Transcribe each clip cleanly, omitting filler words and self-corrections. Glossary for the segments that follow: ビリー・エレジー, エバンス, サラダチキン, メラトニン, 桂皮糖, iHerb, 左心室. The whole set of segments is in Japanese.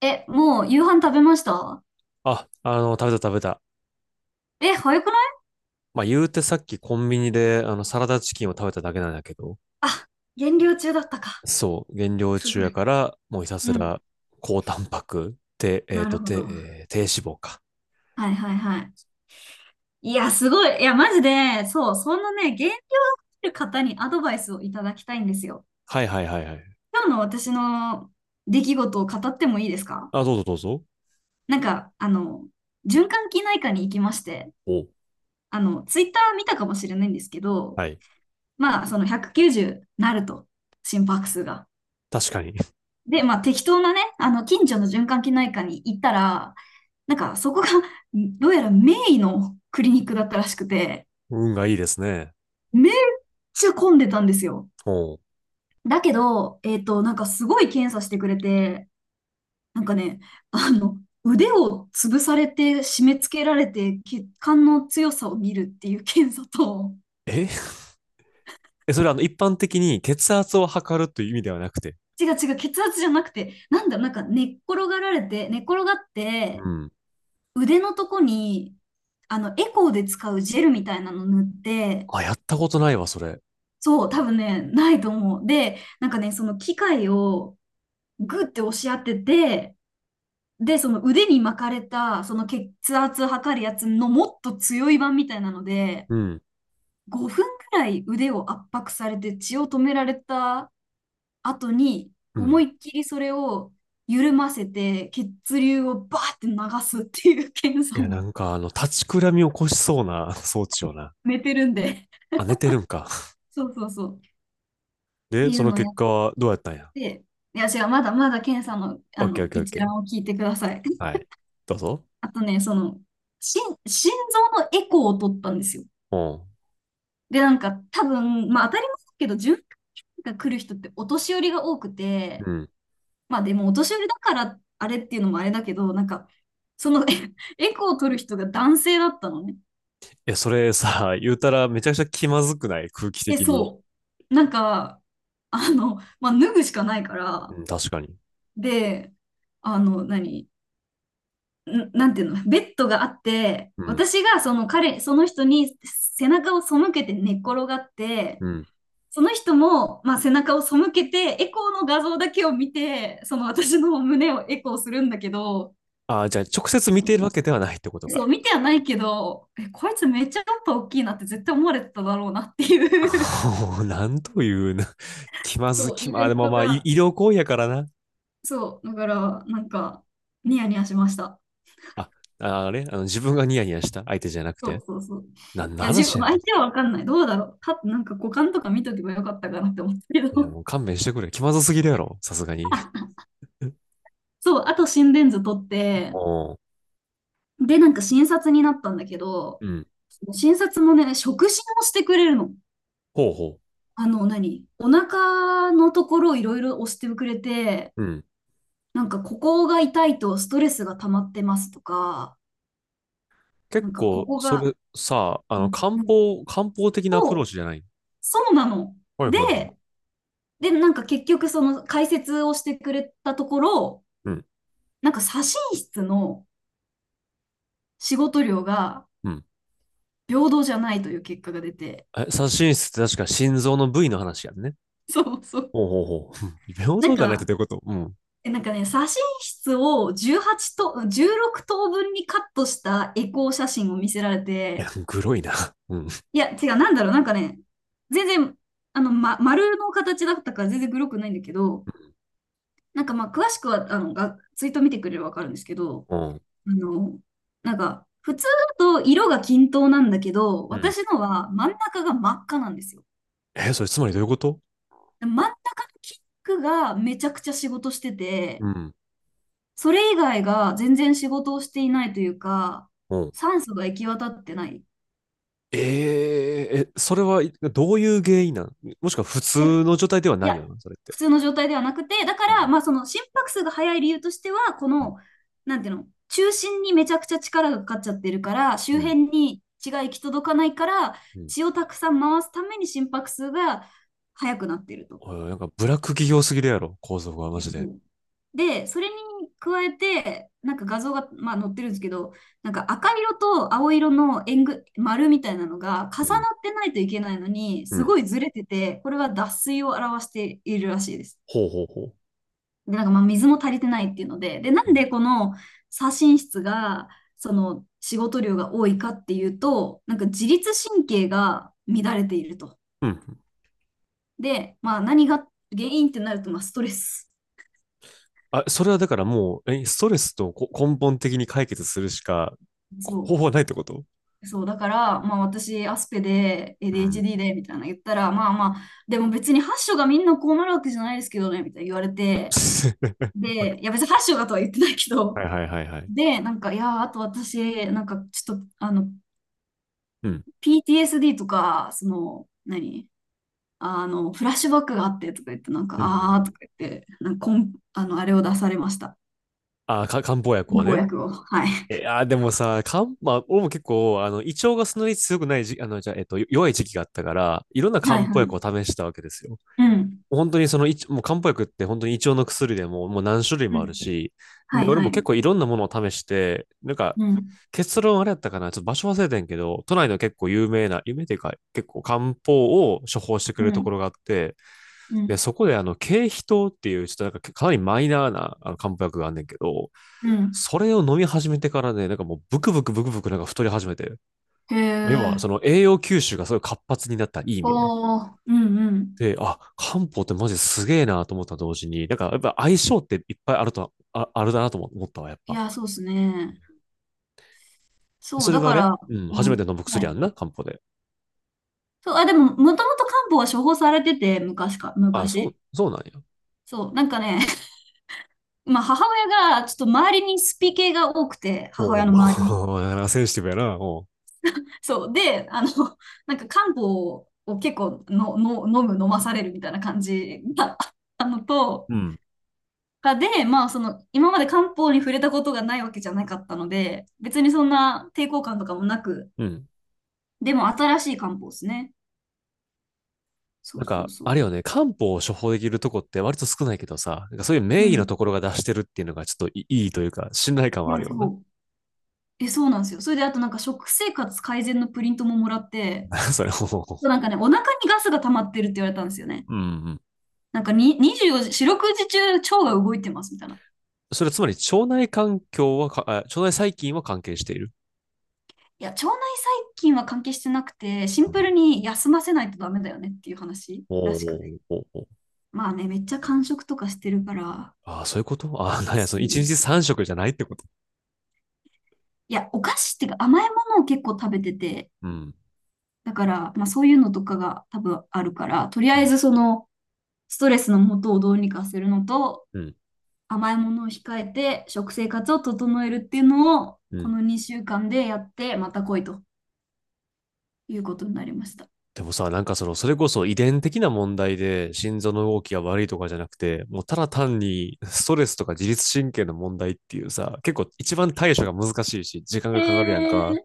え、もう夕飯食べました？食べた食べた。え、早くない？まあ、言うてさっきコンビニで、サラダチキンを食べただけなんだけど、減量中だったか。そう、減量す中ごやい。から、もうひたうすん。ら、高タンパク、低、えっなると、ほ低、ど。えー低脂肪か。はいはいはい。いや、すごい。いや、マジで、そう、そんなね、減量してる方にアドバイスをいただきたいんですよ。はいはいはいはい。今日の私の出来事を語ってもいいですか？どうぞどうぞ。なんか、あの、循環器内科に行きまして、お、あの、ツイッター見たかもしれないんですけど、はい。まあ、その190なると、心拍数が。確かに。で、まあ、適当なね、あの、近所の循環器内科に行ったら、なんかそこが、どうやらメインのクリニックだったらしくて、運がいいですね。めっちゃ混んでたんですよ。おうだけど、なんかすごい検査してくれて、なんかね、あの、腕を潰されて締め付けられて血管の強さを見るっていう検査と、え え、それ一般的に血圧を測るという意味ではなくて。違う違う、血圧じゃなくて、なんだろう、なんか寝っ転がっうて、ん。腕のとこに、あの、エコーで使うジェルみたいなの塗って、あ、やったことないわ、それ。そう、多分ね、ないと思う。で、なんかね、その機械をグッて押し当てて、で、その腕に巻かれた、その血圧測るやつのもっと強い版みたいなので、うん。5分くらい腕を圧迫されて血を止められた後に、う思ん。いっきりそれを緩ませて、血流をバーって流すっていう 検い査や、を なんか、立ちくらみを起こしそうな 装置をな。寝てるんで。あ、寝てるんか。そうそうそう。ってで、いそうののを結やっ果はどうやったんや。て、いや、違う、まだまだ検査の、オあッケーのオッケーオッ一ケ覧をー。聞いてください。はい。どうぞ。あとね、その、心臓のエコーを取ったんですよ。うん。で、なんか多分、まあ当たり前だけど、循環が来る人ってお年寄りが多くて、うん。いまあでもお年寄りだからあれっていうのもあれだけど、なんか、その エコーを取る人が男性だったのね。や、それさ、言うたらめちゃくちゃ気まずくない？空気え、的に。そう。なんか、あの、まあ脱ぐしかないかうら、ん、確かに。で、あの、なんていうの、ベッドがあって、うん。私がその彼、その人に背中を背けて寝っ転がって、うん。その人も、まあ、背中を背けて、エコーの画像だけを見て、その私の胸をエコーするんだけど、ああ、じゃあ直接見うているん、わけではないってことそか。う、見てはないけど、え、こいつめっちゃおっぱい大きいなって絶対思われてただろうなって おいう ーなんというな、気まず、そう、気イま、ベあ、ンでもトまあ、いが、医療行為やからな。そう、だから、なんか、ニヤニヤしました。あ、ああれあの、自分がニヤニヤした相手じゃなくそて。うそうそう。なんいのや、自分、話やね相手はわかんない。どうだろう。なんか股間とか見とけばよかったかなって思ったけん。いや、ど。もう勘弁してくれ。気まずすぎるやろ。さすが に。あ、そう、あと心電図取っ て、おーで、なんか診察になったんだけど、うん。その診察もね、触診をしてくれるの。ほうほあの、お腹のところをいろいろ押してくれて、う。うん。なんかここが痛いとストレスが溜まってますとか、な結んかこ構、こそれが、さ、うん漢うん、方、漢方的なアプローそチう、じゃない？そうなの。はいはいはい。で、で、なんか結局その解説をしてくれたところ、うん。なんか左心室の仕事量がうん。平等じゃないという結果が出て、え、左心室って確か心臓の部位の話やんね。そうそう。ほうほうほう。うん。平なん等じゃないってか、どういうこと？うん。なんかね、写真室を18と、16等分にカットしたエコー写真を見せられいや、て、グロいな。うん。いや、違う、なんだろう、なんかね、全然、あの、ま、丸の形だったから全然グロくないんだけど、なんかまあ、詳しくは、あの、ツイート見てくれればわかるんですけど、うん。あの、なんか、普通だと色が均等なんだけど、うん。私のは真ん中が真っ赤なんですよ。え、それつまりどういうこと？真ん中のピンクがめちゃくちゃ仕事してて、うん。それ以外が全然仕事をしていないというか、うん。酸素が行き渡ってない。ええ、それはいどういう原因なん？もしくは普え、い通の状態ではないや、よな、それって。普通の状態ではなくて、だかうら、ん。まあその心拍数が速い理由としては、こうん。の、なんていうの、中心にめちゃくちゃ力がかかっちゃってるから、う周ん。辺に血が行き届かないから、うん。血をたくさん回すために心拍数が速くなってると。おいなんかブラック企業すぎるやろ、構造がマいや、ジそで。う。で、それに加えて、なんか画像が、まあ、載ってるんですけど、なんか赤色と青色の丸みたいなのが重うなん。ってないといけないのに、うすん。ごいずれてて、これは脱水を表しているらしいです。ほうほうほう。で、なんかまあ水も足りてないっていうので、で、なうんん。でこの左心室が、その仕事量が多いかっていうと、なんか自律神経が乱れていると。うん。で、まあ何が原因ってなると、まあストレス。あ、それはだからもう、ストレスとこ根本的に解決するしかこそ方う。法はないってこと？そう、だから、まあ私、アスペで うん。ADHD で、みたいなの言ったら、まあまあ、でも別に8章がみんなこうなるわけじゃないですけどね、みたいな言われて、で、いや別に8章がとは言ってないけはど、いはいはいはい。で、なんか、いや、あと私、なんかちょっと、あの、うん。PTSD とか、その、あの、フラッシュバックがあってとか言って、なんか、うあーとん。か言って、なんかこん、あの、あれを出されました。あ、漢方薬を公ね。約を。はい。え、あ、でもさ、まあ、俺も結構、胃腸がそんなに強くないじゃあ、弱い時期があったから、いろんな 漢はい方は薬をい。試したわけですよ。うん。本当にその一、いちもう漢方薬って本当に胃腸の薬でももう何種類うもあるん。し、はで、い俺はもい。結構いろんなものを試して、なんか、うん。結論あれやったかな、ちょっと場所忘れてんけど、都内の結構有名な、有名っていうか、結構漢方を処方してくうれるとこん。ろがあって、うで、ん。そこで桂皮糖っていう、ちょっとなんかかなりマイナーな漢方薬があんねんけど、うん。それを飲み始めてからね、なんかもうブクブクブクブクなんか太り始めて、へ要はえ。その栄養吸収がすごい活発になった、いい意味で。おー、うんうん。で、あ、漢方ってマジすげえなと思った同時に、なんかやっぱ相性っていっぱいあると、あ、あるだなとも思ったわ、やっいぱ。や、そうですね。そう、それだはあかれら、うん、う初めてん。飲むは薬あい。んな、漢方で。そう、あ、でも、もともと漢方は処方されてて、あ、そう、昔。そうなんや。そう、なんかね、まあ、母親が、ちょっと周りにスピ系が多くて、母お親お、の周りに。なんかセンシティブやな、おう。そう、で、あの、なんか漢方を結構の、の、飲む、飲まされるみたいな感じが あったのと、うん、まあ、その、今まで漢方に触れたことがないわけじゃなかったので、別にそんな抵抗感とかもなく、うん。でも新しい漢方ですね。そなうんそか、うそう。あれよね、漢方を処方できるとこって割と少ないけどさ、なんかそういうう名医のん。ところが出してるっていうのがちょっといいいというか、信頼感いはあや、るよそな。う。え、そうなんですよ。それで、あとなんか食生活改善のプリントももらって、それ、もうほうほう。なんかね、お腹にガスが溜まってるって言われたんですよね。うんうん。なんかに24時、四六時中腸が動いてますみたいな。それつまり腸内環境はか、あ腸内細菌は関係している？いや、腸内細菌は関係してなくて、シうンプルんに休ませないとダメだよねっていう話らおーおしくて。ーおーおーまあね、めっちゃ間食とかしてるから、ああ、そういうこと。 ああ、なんや、そそうの一日ね、三食じゃないってこと？いや、お菓子っていうか甘いものを結構食べてて、うん。だから、まあそういうのとかが多分あるから、とりうあえん。ずその、ストレスの元をどうにかするのと、うん。甘いものを控えて食生活を整えるっていうのを、うこん。の2週間でやって、また来いということになりました。でもさ、なんかその、それこそ遺伝的な問題で心臓の動きが悪いとかじゃなくて、もうただ単に ストレスとか自律神経の問題っていうさ、結構一番対処が難しいし、時間えがかかるやんか。ー、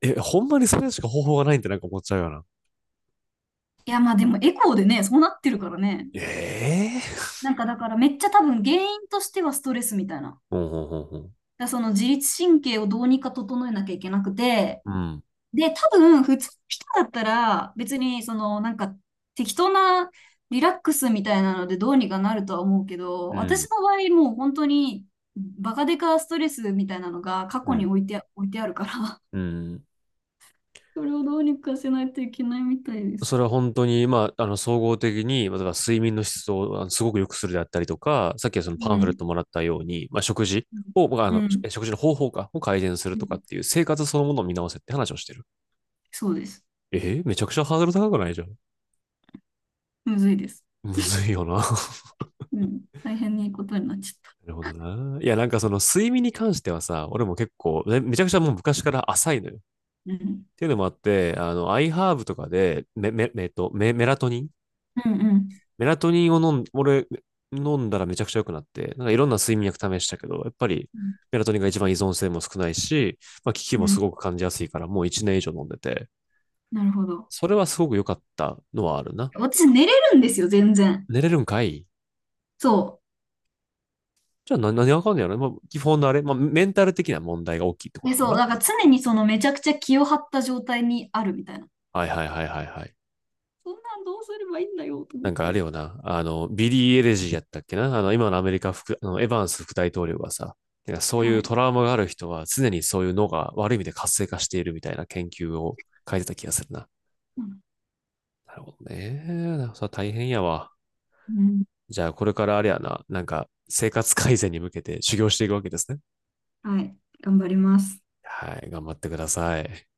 え、ほんまにそれしか方法がないんってなんか思っちゃうよな。いや、まあでもエコーでね、そうなってるからね。ええ。なんかだからめっちゃ多分原因としてはストレスみたいな。だかほんほんほんほん。らその自律神経をどうにか整えなきゃいけなくて、うん。で、多分、普通の人だったら、別に、その、なんか、適当なリラックスみたいなので、どうにかなるとは思うけど、うん。私の場合、もう本当に、バカデカストレスみたいなのが過う去にん。置いてあるから、うん。それをどうにかせないといけないみたいでそれす。は本当に、まあ、総合的に、まあ、例えば睡眠の質をすごく良くするであったりとか、さっきはそのパうンフレッん。トもらったように、まあ、食事を、まあ、うん。食事の方法か、を改善するうとかっん。ていう生活そのものを見直せって話をしてる。そうです。めちゃくちゃハードル高くないじゃん。むずいです。むずいよな。なうん。大変にいいことになっちゃった。るほどな。いや、なんかその睡眠に関してはさ、俺も結構、めちゃくちゃもう昔から浅いのよ。っうん。ていうのもあって、iHerb とかで、メ、メ、えっと、メ、メラトニンうんうん。メラトニンを俺、飲んだらめちゃくちゃ良くなって、なんかいろんな睡眠薬試したけど、やっぱりうん。メラトニンが一番依存性も少ないし、まあ、効きもうすん、ごく感じやすいから、もう1年以上飲んでて、なるほど。それはすごく良かったのはあるな。私、寝れるんですよ、全然。寝れるんかい。そう。じゃあ何がわかんねやろ、まあ、基本のあれ、まあ、メンタル的な問題が大きいってこえ、とかそな。う、だから常にそのめちゃくちゃ気を張った状態にあるみたいな。はいはいはいはいはい。そんなんどうすればいいんだよと思なっんかあれて。よな、ビリー・エレジーやったっけな今のアメリカ副、あの、エバンス副大統領がさ、なんかそういはうい。トラウマがある人は常にそういう脳が悪い意味で活性化しているみたいな研究を書いてた気がするな。うん。なるほどね。それ大変やわ。うん。じゃあこれからあれやな、なんか生活改善に向けて修行していくわけですね。はい。頑張ります。はい、頑張ってください。